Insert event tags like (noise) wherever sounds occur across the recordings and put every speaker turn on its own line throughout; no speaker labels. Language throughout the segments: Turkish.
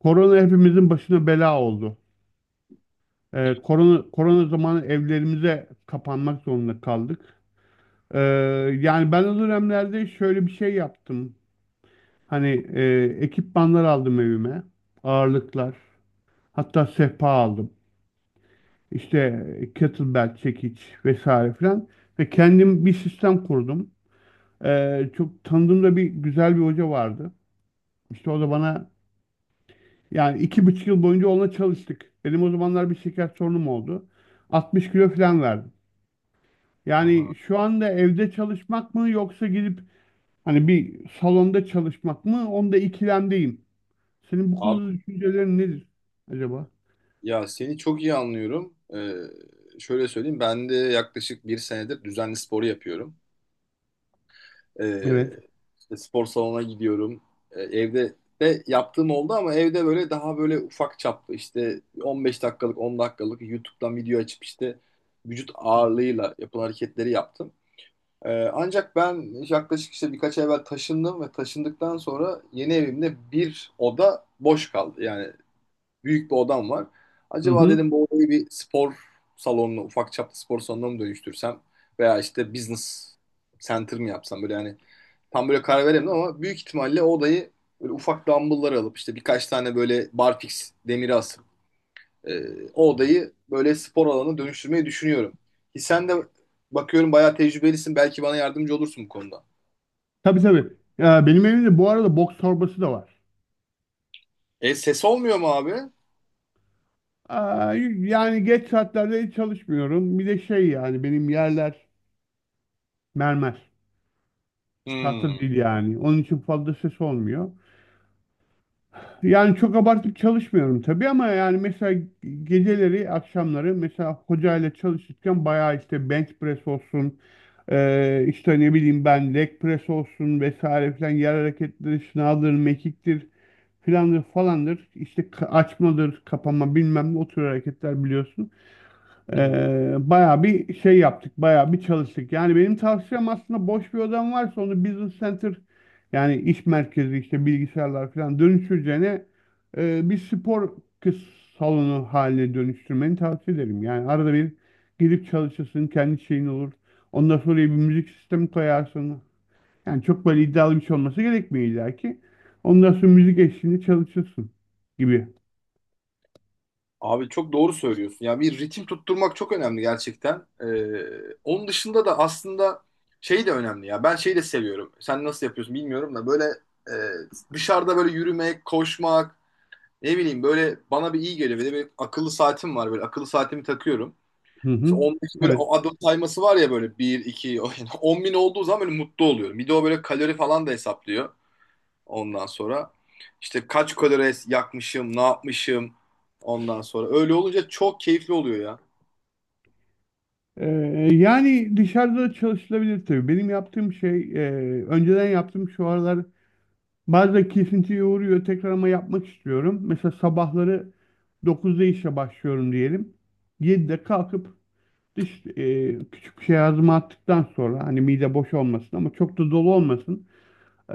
Korona hepimizin başına bela oldu. Korona zamanı evlerimize kapanmak zorunda kaldık. Ee, yani ben o dönemlerde şöyle bir şey yaptım. Hani ekipmanlar aldım evime. Ağırlıklar. Hatta sehpa aldım. İşte kettlebell, çekiç vesaire filan. Ve kendim bir sistem kurdum. Çok tanıdığımda bir güzel bir hoca vardı. İşte o da bana. Yani 2,5 yıl boyunca onunla çalıştık. Benim o zamanlar bir şeker sorunum oldu. 60 kilo falan verdim. Yani
Aha.
şu anda evde çalışmak mı yoksa gidip hani bir salonda çalışmak mı? Onda ikilemdeyim. Senin bu
Abi
konuda düşüncelerin nedir acaba?
ya seni çok iyi anlıyorum. Şöyle söyleyeyim, ben de yaklaşık bir senedir düzenli sporu yapıyorum. Ee,
Evet.
işte spor salonuna gidiyorum. Evde de yaptığım oldu ama evde böyle daha böyle ufak çaplı işte 15 dakikalık 10 dakikalık YouTube'dan video açıp işte vücut ağırlığıyla yapılan hareketleri yaptım. Ancak ben yaklaşık işte birkaç ay evvel taşındım ve taşındıktan sonra yeni evimde bir oda boş kaldı. Yani büyük bir odam var.
Hı
Acaba
hı.
dedim bu odayı bir spor salonuna, ufak çaplı spor salonuna mı dönüştürsem veya işte business center mı yapsam, böyle yani tam böyle karar veremedim ama büyük ihtimalle o odayı böyle ufak dumbbell'lar alıp işte birkaç tane böyle barfix demiri asıp o odayı böyle spor alanına dönüştürmeyi düşünüyorum. Ki sen de bakıyorum bayağı tecrübelisin, belki bana yardımcı olursun bu konuda.
Tabii, tabii. Benim evimde bu arada boks torbası da var.
E ses olmuyor mu abi?
Aa, yani geç saatlerde hiç çalışmıyorum. Bir de şey, yani benim yerler mermer. Tahta
Hmm.
değil yani. Onun için fazla ses olmuyor. Yani çok abartıp çalışmıyorum tabii, ama yani mesela geceleri, akşamları mesela hocayla çalışırken bayağı işte bench press olsun, işte ne bileyim ben leg press olsun vesaire filan, yer hareketleri, şınavdır, mekiktir, filandır falandır, işte açmadır, kapama, bilmem ne, o tür hareketler biliyorsun.
Hı hı.
Bayağı bir şey yaptık, bayağı bir çalıştık. Yani benim tavsiyem, aslında boş bir odam varsa onu business center, yani iş merkezi, işte bilgisayarlar falan dönüştüreceğine bir spor kız salonu haline dönüştürmeni tavsiye ederim. Yani arada bir gidip çalışırsın, kendi şeyin olur. Ondan sonra bir müzik sistemi koyarsın. Yani çok böyle iddialı bir şey olması gerekmiyor illa ki. Ondan sonra müzik eşliğinde çalışırsın gibi.
Abi çok doğru söylüyorsun. Ya bir ritim tutturmak çok önemli gerçekten. Onun dışında da aslında şey de önemli ya. Ben şeyi de seviyorum. Sen nasıl yapıyorsun bilmiyorum da böyle dışarıda böyle yürümek, koşmak, ne bileyim böyle bana bir iyi geliyor. Bir de bir akıllı saatim var böyle. Akıllı saatimi takıyorum.
Hı
İşte
hı.
15 böyle
Evet.
o adım sayması var ya böyle 1, 2, 10 (laughs) bin olduğu zaman böyle mutlu oluyorum. Bir de o böyle kalori falan da hesaplıyor. Ondan sonra işte kaç kalori yakmışım, ne yapmışım ondan sonra. Öyle olunca çok keyifli oluyor ya.
Ee, yani dışarıda da çalışılabilir tabii. Benim yaptığım şey, önceden yaptığım, şu aralar bazen kesintiye uğruyor. Tekrar ama yapmak istiyorum. Mesela sabahları 9'da işe başlıyorum diyelim. 7'de kalkıp küçük bir şey ağzıma attıktan sonra, hani mide boş olmasın ama çok da dolu olmasın,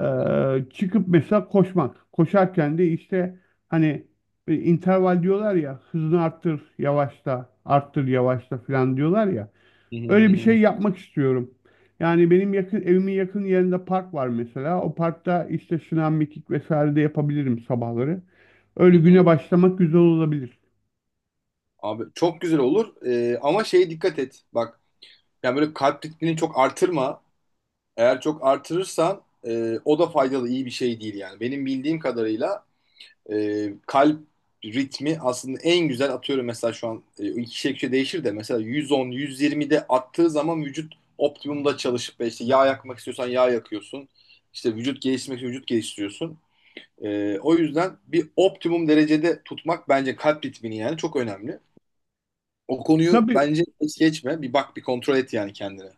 e,
hı.
çıkıp mesela koşmak. Koşarken de işte hani interval diyorlar ya, hızını arttır, yavaşla, arttır, yavaşla falan diyorlar ya. Öyle bir şey
(laughs)
yapmak istiyorum. Yani benim yakın, evimin yakın yerinde park var mesela. O parkta işte sınav, mekik vesaire de yapabilirim sabahları.
Hı
Öyle güne
hı.
başlamak güzel olabilir.
Abi çok güzel olur. Ama şeye dikkat et. Bak, yani böyle kalp ritmini çok artırma. Eğer çok artırırsan o da faydalı iyi bir şey değil yani. Benim bildiğim kadarıyla kalp ritmi aslında en güzel atıyorum mesela şu an iki kişiye değişir de mesela 110-120'de attığı zaman vücut optimumda çalışıp ve işte yağ yakmak istiyorsan yağ yakıyorsun. İşte vücut geliştirmek için vücut geliştiriyorsun. E, o yüzden bir optimum derecede tutmak bence kalp ritmini yani çok önemli. O konuyu
Tabii,
bence hiç geçme. Bir bak, bir kontrol et yani kendine.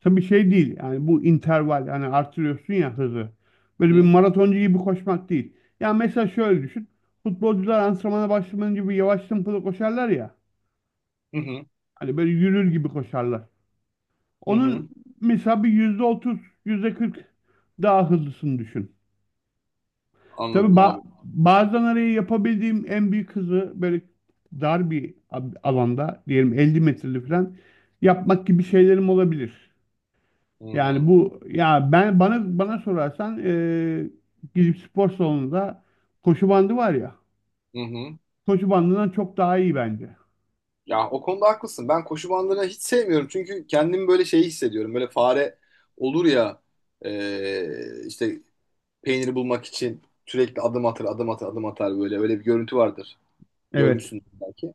tabii şey değil. Yani bu interval, hani artırıyorsun ya hızı. Böyle
Hı
bir maratoncu gibi koşmak değil. Ya mesela şöyle düşün. Futbolcular antrenmana başlamadan gibi yavaş tempolu koşarlar ya.
hı, hı
Hani böyle yürür gibi koşarlar. Onun
hı.
mesela bir %30, yüzde kırk daha hızlısını düşün. Tabii
Anladım abi.
bazen araya yapabildiğim en büyük hızı, böyle dar bir alanda, diyelim 50 metreli falan yapmak gibi şeylerim olabilir.
Hı
Yani
hı.
bu, ya ben bana sorarsan, gidip spor salonunda koşu bandı var ya,
Hı hı.
koşu bandından çok daha iyi bence.
Ya o konuda haklısın. Ben koşu bandını hiç sevmiyorum. Çünkü kendimi böyle şey hissediyorum. Böyle fare olur ya, işte peyniri bulmak için sürekli adım atar, adım atar, adım atar böyle. Öyle bir görüntü vardır.
Evet.
Görmüşsün belki.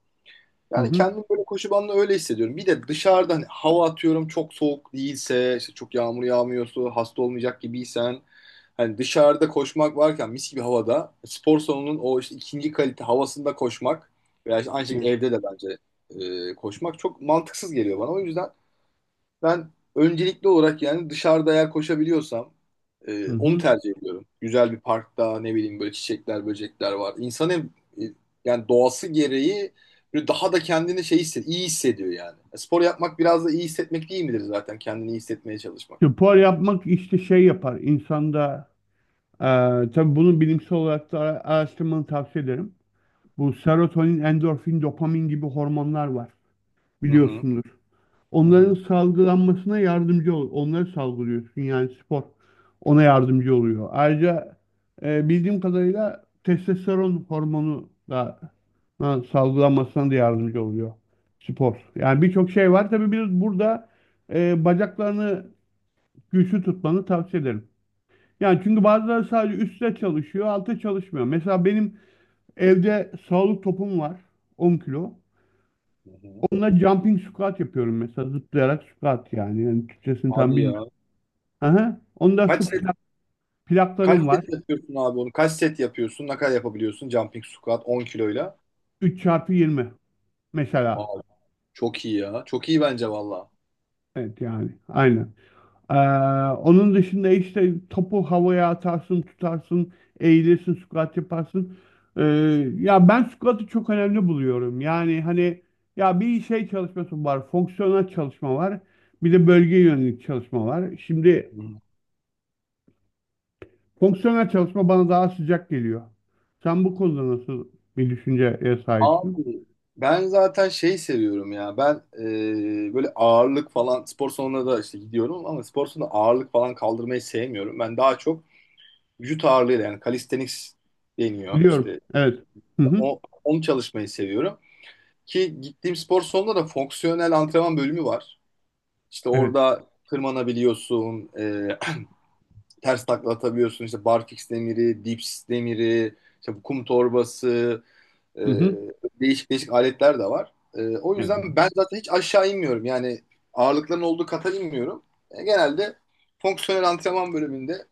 Hı
Yani
hı.
kendim böyle koşu bandında öyle hissediyorum. Bir de dışarıda hani hava atıyorum, çok soğuk değilse, işte çok yağmur yağmıyorsa, hasta olmayacak gibiysen hani dışarıda koşmak varken mis gibi havada spor salonunun o işte ikinci kalite havasında koşmak veya işte aynı şekilde
Evet.
evde de bence koşmak çok mantıksız geliyor bana. O yüzden ben öncelikli olarak yani dışarıda eğer koşabiliyorsam
Hı
onu
hı.
tercih ediyorum. Güzel bir parkta ne bileyim böyle çiçekler, böcekler var. İnsan hem e, yani doğası gereği böyle daha da kendini iyi hissediyor yani. E, spor yapmak biraz da iyi hissetmek değil midir zaten? Kendini iyi hissetmeye çalışmak.
Spor yapmak işte şey yapar insanda, tabii bunu bilimsel olarak da araştırmanı tavsiye ederim. Bu serotonin, endorfin, dopamin gibi hormonlar var
Hı hı,
biliyorsunuz.
hı
Onların
hı,
salgılanmasına yardımcı ol. Onları salgılıyorsun, yani spor ona yardımcı oluyor. Ayrıca bildiğim kadarıyla testosteron hormonu da ha, salgılanmasına da yardımcı oluyor spor. Yani birçok şey var. Tabii biz burada bacaklarını güçlü tutmanı tavsiye ederim. Yani, çünkü bazıları sadece üstte çalışıyor, altta çalışmıyor. Mesela benim evde sağlık topum var, 10 kilo.
hı hı.
Onunla jumping squat yapıyorum mesela, zıplayarak squat yani. Yani Türkçesini tam
Hadi
bilmiyorum.
ya.
Aha. Onda
Kaç
su
set, kaç
plaklarım var.
set yapıyorsun abi onu? Kaç set yapıyorsun? Ne kadar yapabiliyorsun? Jumping squat 10 kiloyla.
3 çarpı 20 mesela.
Aa, çok iyi ya. Çok iyi bence valla.
Evet, yani aynen. Ee, onun dışında işte topu havaya atarsın, tutarsın, eğilirsin, squat yaparsın. Ee, ya ben squat'ı çok önemli buluyorum. Yani hani, ya bir şey çalışması var, fonksiyonel çalışma var. Bir de bölge yönelik çalışma var. Şimdi fonksiyonel çalışma bana daha sıcak geliyor. Sen bu konuda nasıl bir düşünceye sahipsin?
Abi ben zaten şey seviyorum ya, ben böyle ağırlık falan spor salonuna da işte gidiyorum ama spor salonunda ağırlık falan kaldırmayı sevmiyorum. Ben daha çok vücut ağırlığıyla, yani calisthenics deniyor
Biliyorum.
işte,
Evet. Hı hı.
onu çalışmayı seviyorum. Ki gittiğim spor salonunda da fonksiyonel antrenman bölümü var. İşte
Evet.
orada tırmanabiliyorsun, ters takla atabiliyorsun, işte barfiks demiri, dips demiri, işte bu kum torbası. Ee,
Hı hı.
Değişik değişik aletler de var. O
Evet.
yüzden ben zaten hiç aşağı inmiyorum. Yani ağırlıkların olduğu kata inmiyorum. E, genelde fonksiyonel antrenman bölümünde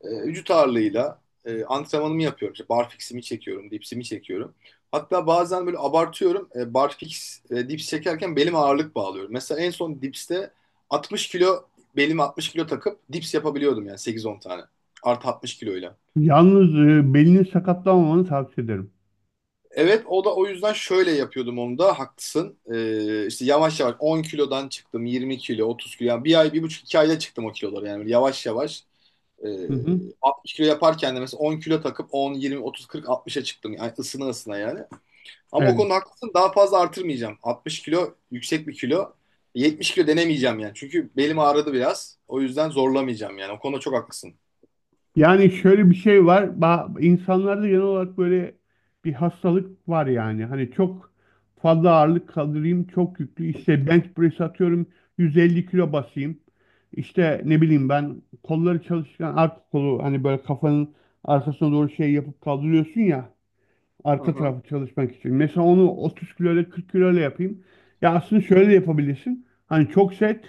vücut ağırlığıyla antrenmanımı yapıyorum. İşte barfix'imi çekiyorum, dipsimi çekiyorum. Hatta bazen böyle abartıyorum. E, barfix, dips çekerken belime ağırlık bağlıyorum. Mesela en son dipste 60 kilo, belime 60 kilo takıp dips yapabiliyordum yani 8-10 tane. Artı 60 kiloyla.
Yalnız belini sakatlanmamanı tavsiye ederim.
Evet, o da o yüzden şöyle yapıyordum, onu da haklısın. İşte yavaş yavaş 10 kilodan çıktım, 20 kilo, 30 kilo, yani bir ay, bir buçuk iki ayda çıktım o kiloları yani. Böyle yavaş yavaş, e,
Hı hı.
60 kilo yaparken de mesela 10 kilo takıp 10, 20, 30, 40, 60'a çıktım yani, ısına ısına yani. Ama o
Evet.
konuda haklısın, daha fazla artırmayacağım, 60 kilo yüksek bir kilo, 70 kilo denemeyeceğim yani, çünkü belim ağrıdı biraz, o yüzden zorlamayacağım yani, o konuda çok haklısın.
Yani şöyle bir şey var. İnsanlarda genel olarak böyle bir hastalık var yani. Hani çok fazla ağırlık kaldırayım, çok yüklü. İşte bench press atıyorum, 150 kilo basayım. İşte ne bileyim ben, kolları çalışırken arka kolu hani böyle kafanın arkasına doğru şey yapıp kaldırıyorsun ya,
Hı
arka
hı.
tarafı çalışmak için. Mesela onu 30 kilo ile, 40 kilo ile yapayım. Ya aslında şöyle de yapabilirsin, hani çok set,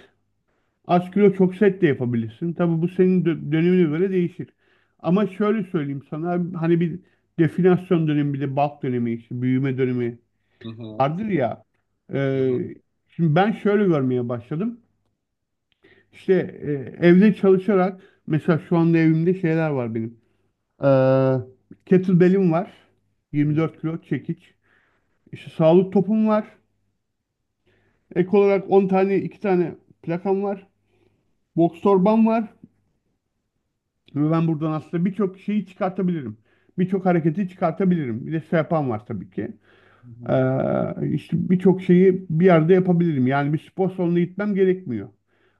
az kilo çok set de yapabilirsin. Tabii bu senin dönemine göre değişir. Ama şöyle söyleyeyim sana, hani bir definasyon dönemi, bir de bulk dönemi, işte büyüme dönemi
Hı hı.
vardır ya.
Hı hı.
Ee, şimdi ben şöyle görmeye başladım. İşte e, evde çalışarak, mesela şu anda evimde şeyler var benim. Kettlebell'im var.
Hı hı.
24 kilo çekiç. İşte sağlık topum var. Ek olarak 10 tane, 2 tane plakam var. Boks torbam var. Ve ben buradan aslında birçok şeyi çıkartabilirim. Birçok hareketi çıkartabilirim. Bir de yapan var tabii ki.
Hı hı.
İşte birçok şeyi bir yerde yapabilirim. Yani bir spor salonuna gitmem gerekmiyor.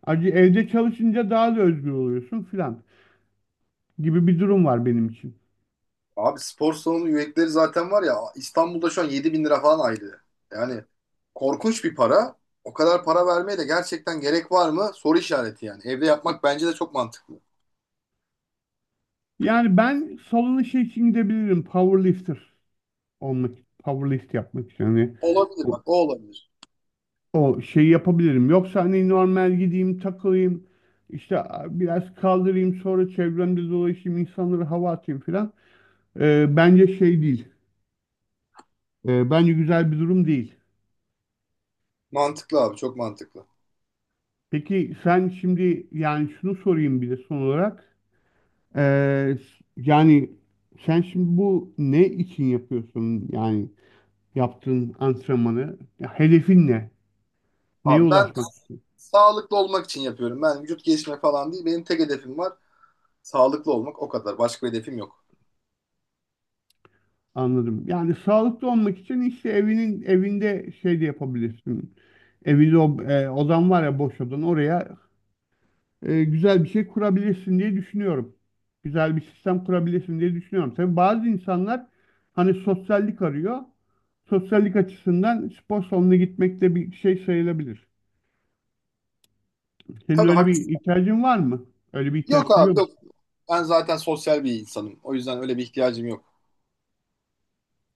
Ayrıca evde çalışınca daha da özgür oluyorsun filan gibi bir durum var benim için.
Abi spor salonu üyelikleri zaten var ya, İstanbul'da şu an 7 bin lira falan aylığı. Yani korkunç bir para. O kadar para vermeye de gerçekten gerek var mı? Soru işareti yani. Evde yapmak bence de çok mantıklı.
Yani ben salona şey için gidebilirim: powerlifter olmak, powerlift yapmak için. Hani
Olabilir bak, o olabilir.
o şeyi yapabilirim. Yoksa hani normal gideyim, takılayım işte, biraz kaldırayım, sonra çevremde dolaşayım, insanlara hava atayım filan. Bence şey değil. Bence güzel bir durum değil.
Mantıklı abi, çok mantıklı.
Peki sen şimdi, yani şunu sorayım bir de son olarak, Ee, yani sen şimdi bu ne için yapıyorsun, yani yaptığın antrenmanı? Ya hedefin ne? Neye
Abi ben
ulaşmak?
sağlıklı olmak için yapıyorum. Ben vücut geliştirme falan değil. Benim tek hedefim var. Sağlıklı olmak, o kadar. Başka bir hedefim yok.
Anladım. Yani sağlıklı olmak için işte evinde şey de yapabilirsin. Evinde odan var ya, boş odan, oraya güzel bir şey kurabilirsin diye düşünüyorum. Güzel bir sistem kurabilirsin diye düşünüyorum. Tabii bazı insanlar hani sosyallik arıyor. Sosyallik açısından spor salonuna gitmek de bir şey sayılabilir. Senin
Tabii
öyle bir
haklısın.
ihtiyacın var mı? Öyle bir
Yok
ihtiyaç
abi,
duyuyor
yok. Ben zaten sosyal bir insanım. O yüzden öyle bir ihtiyacım yok.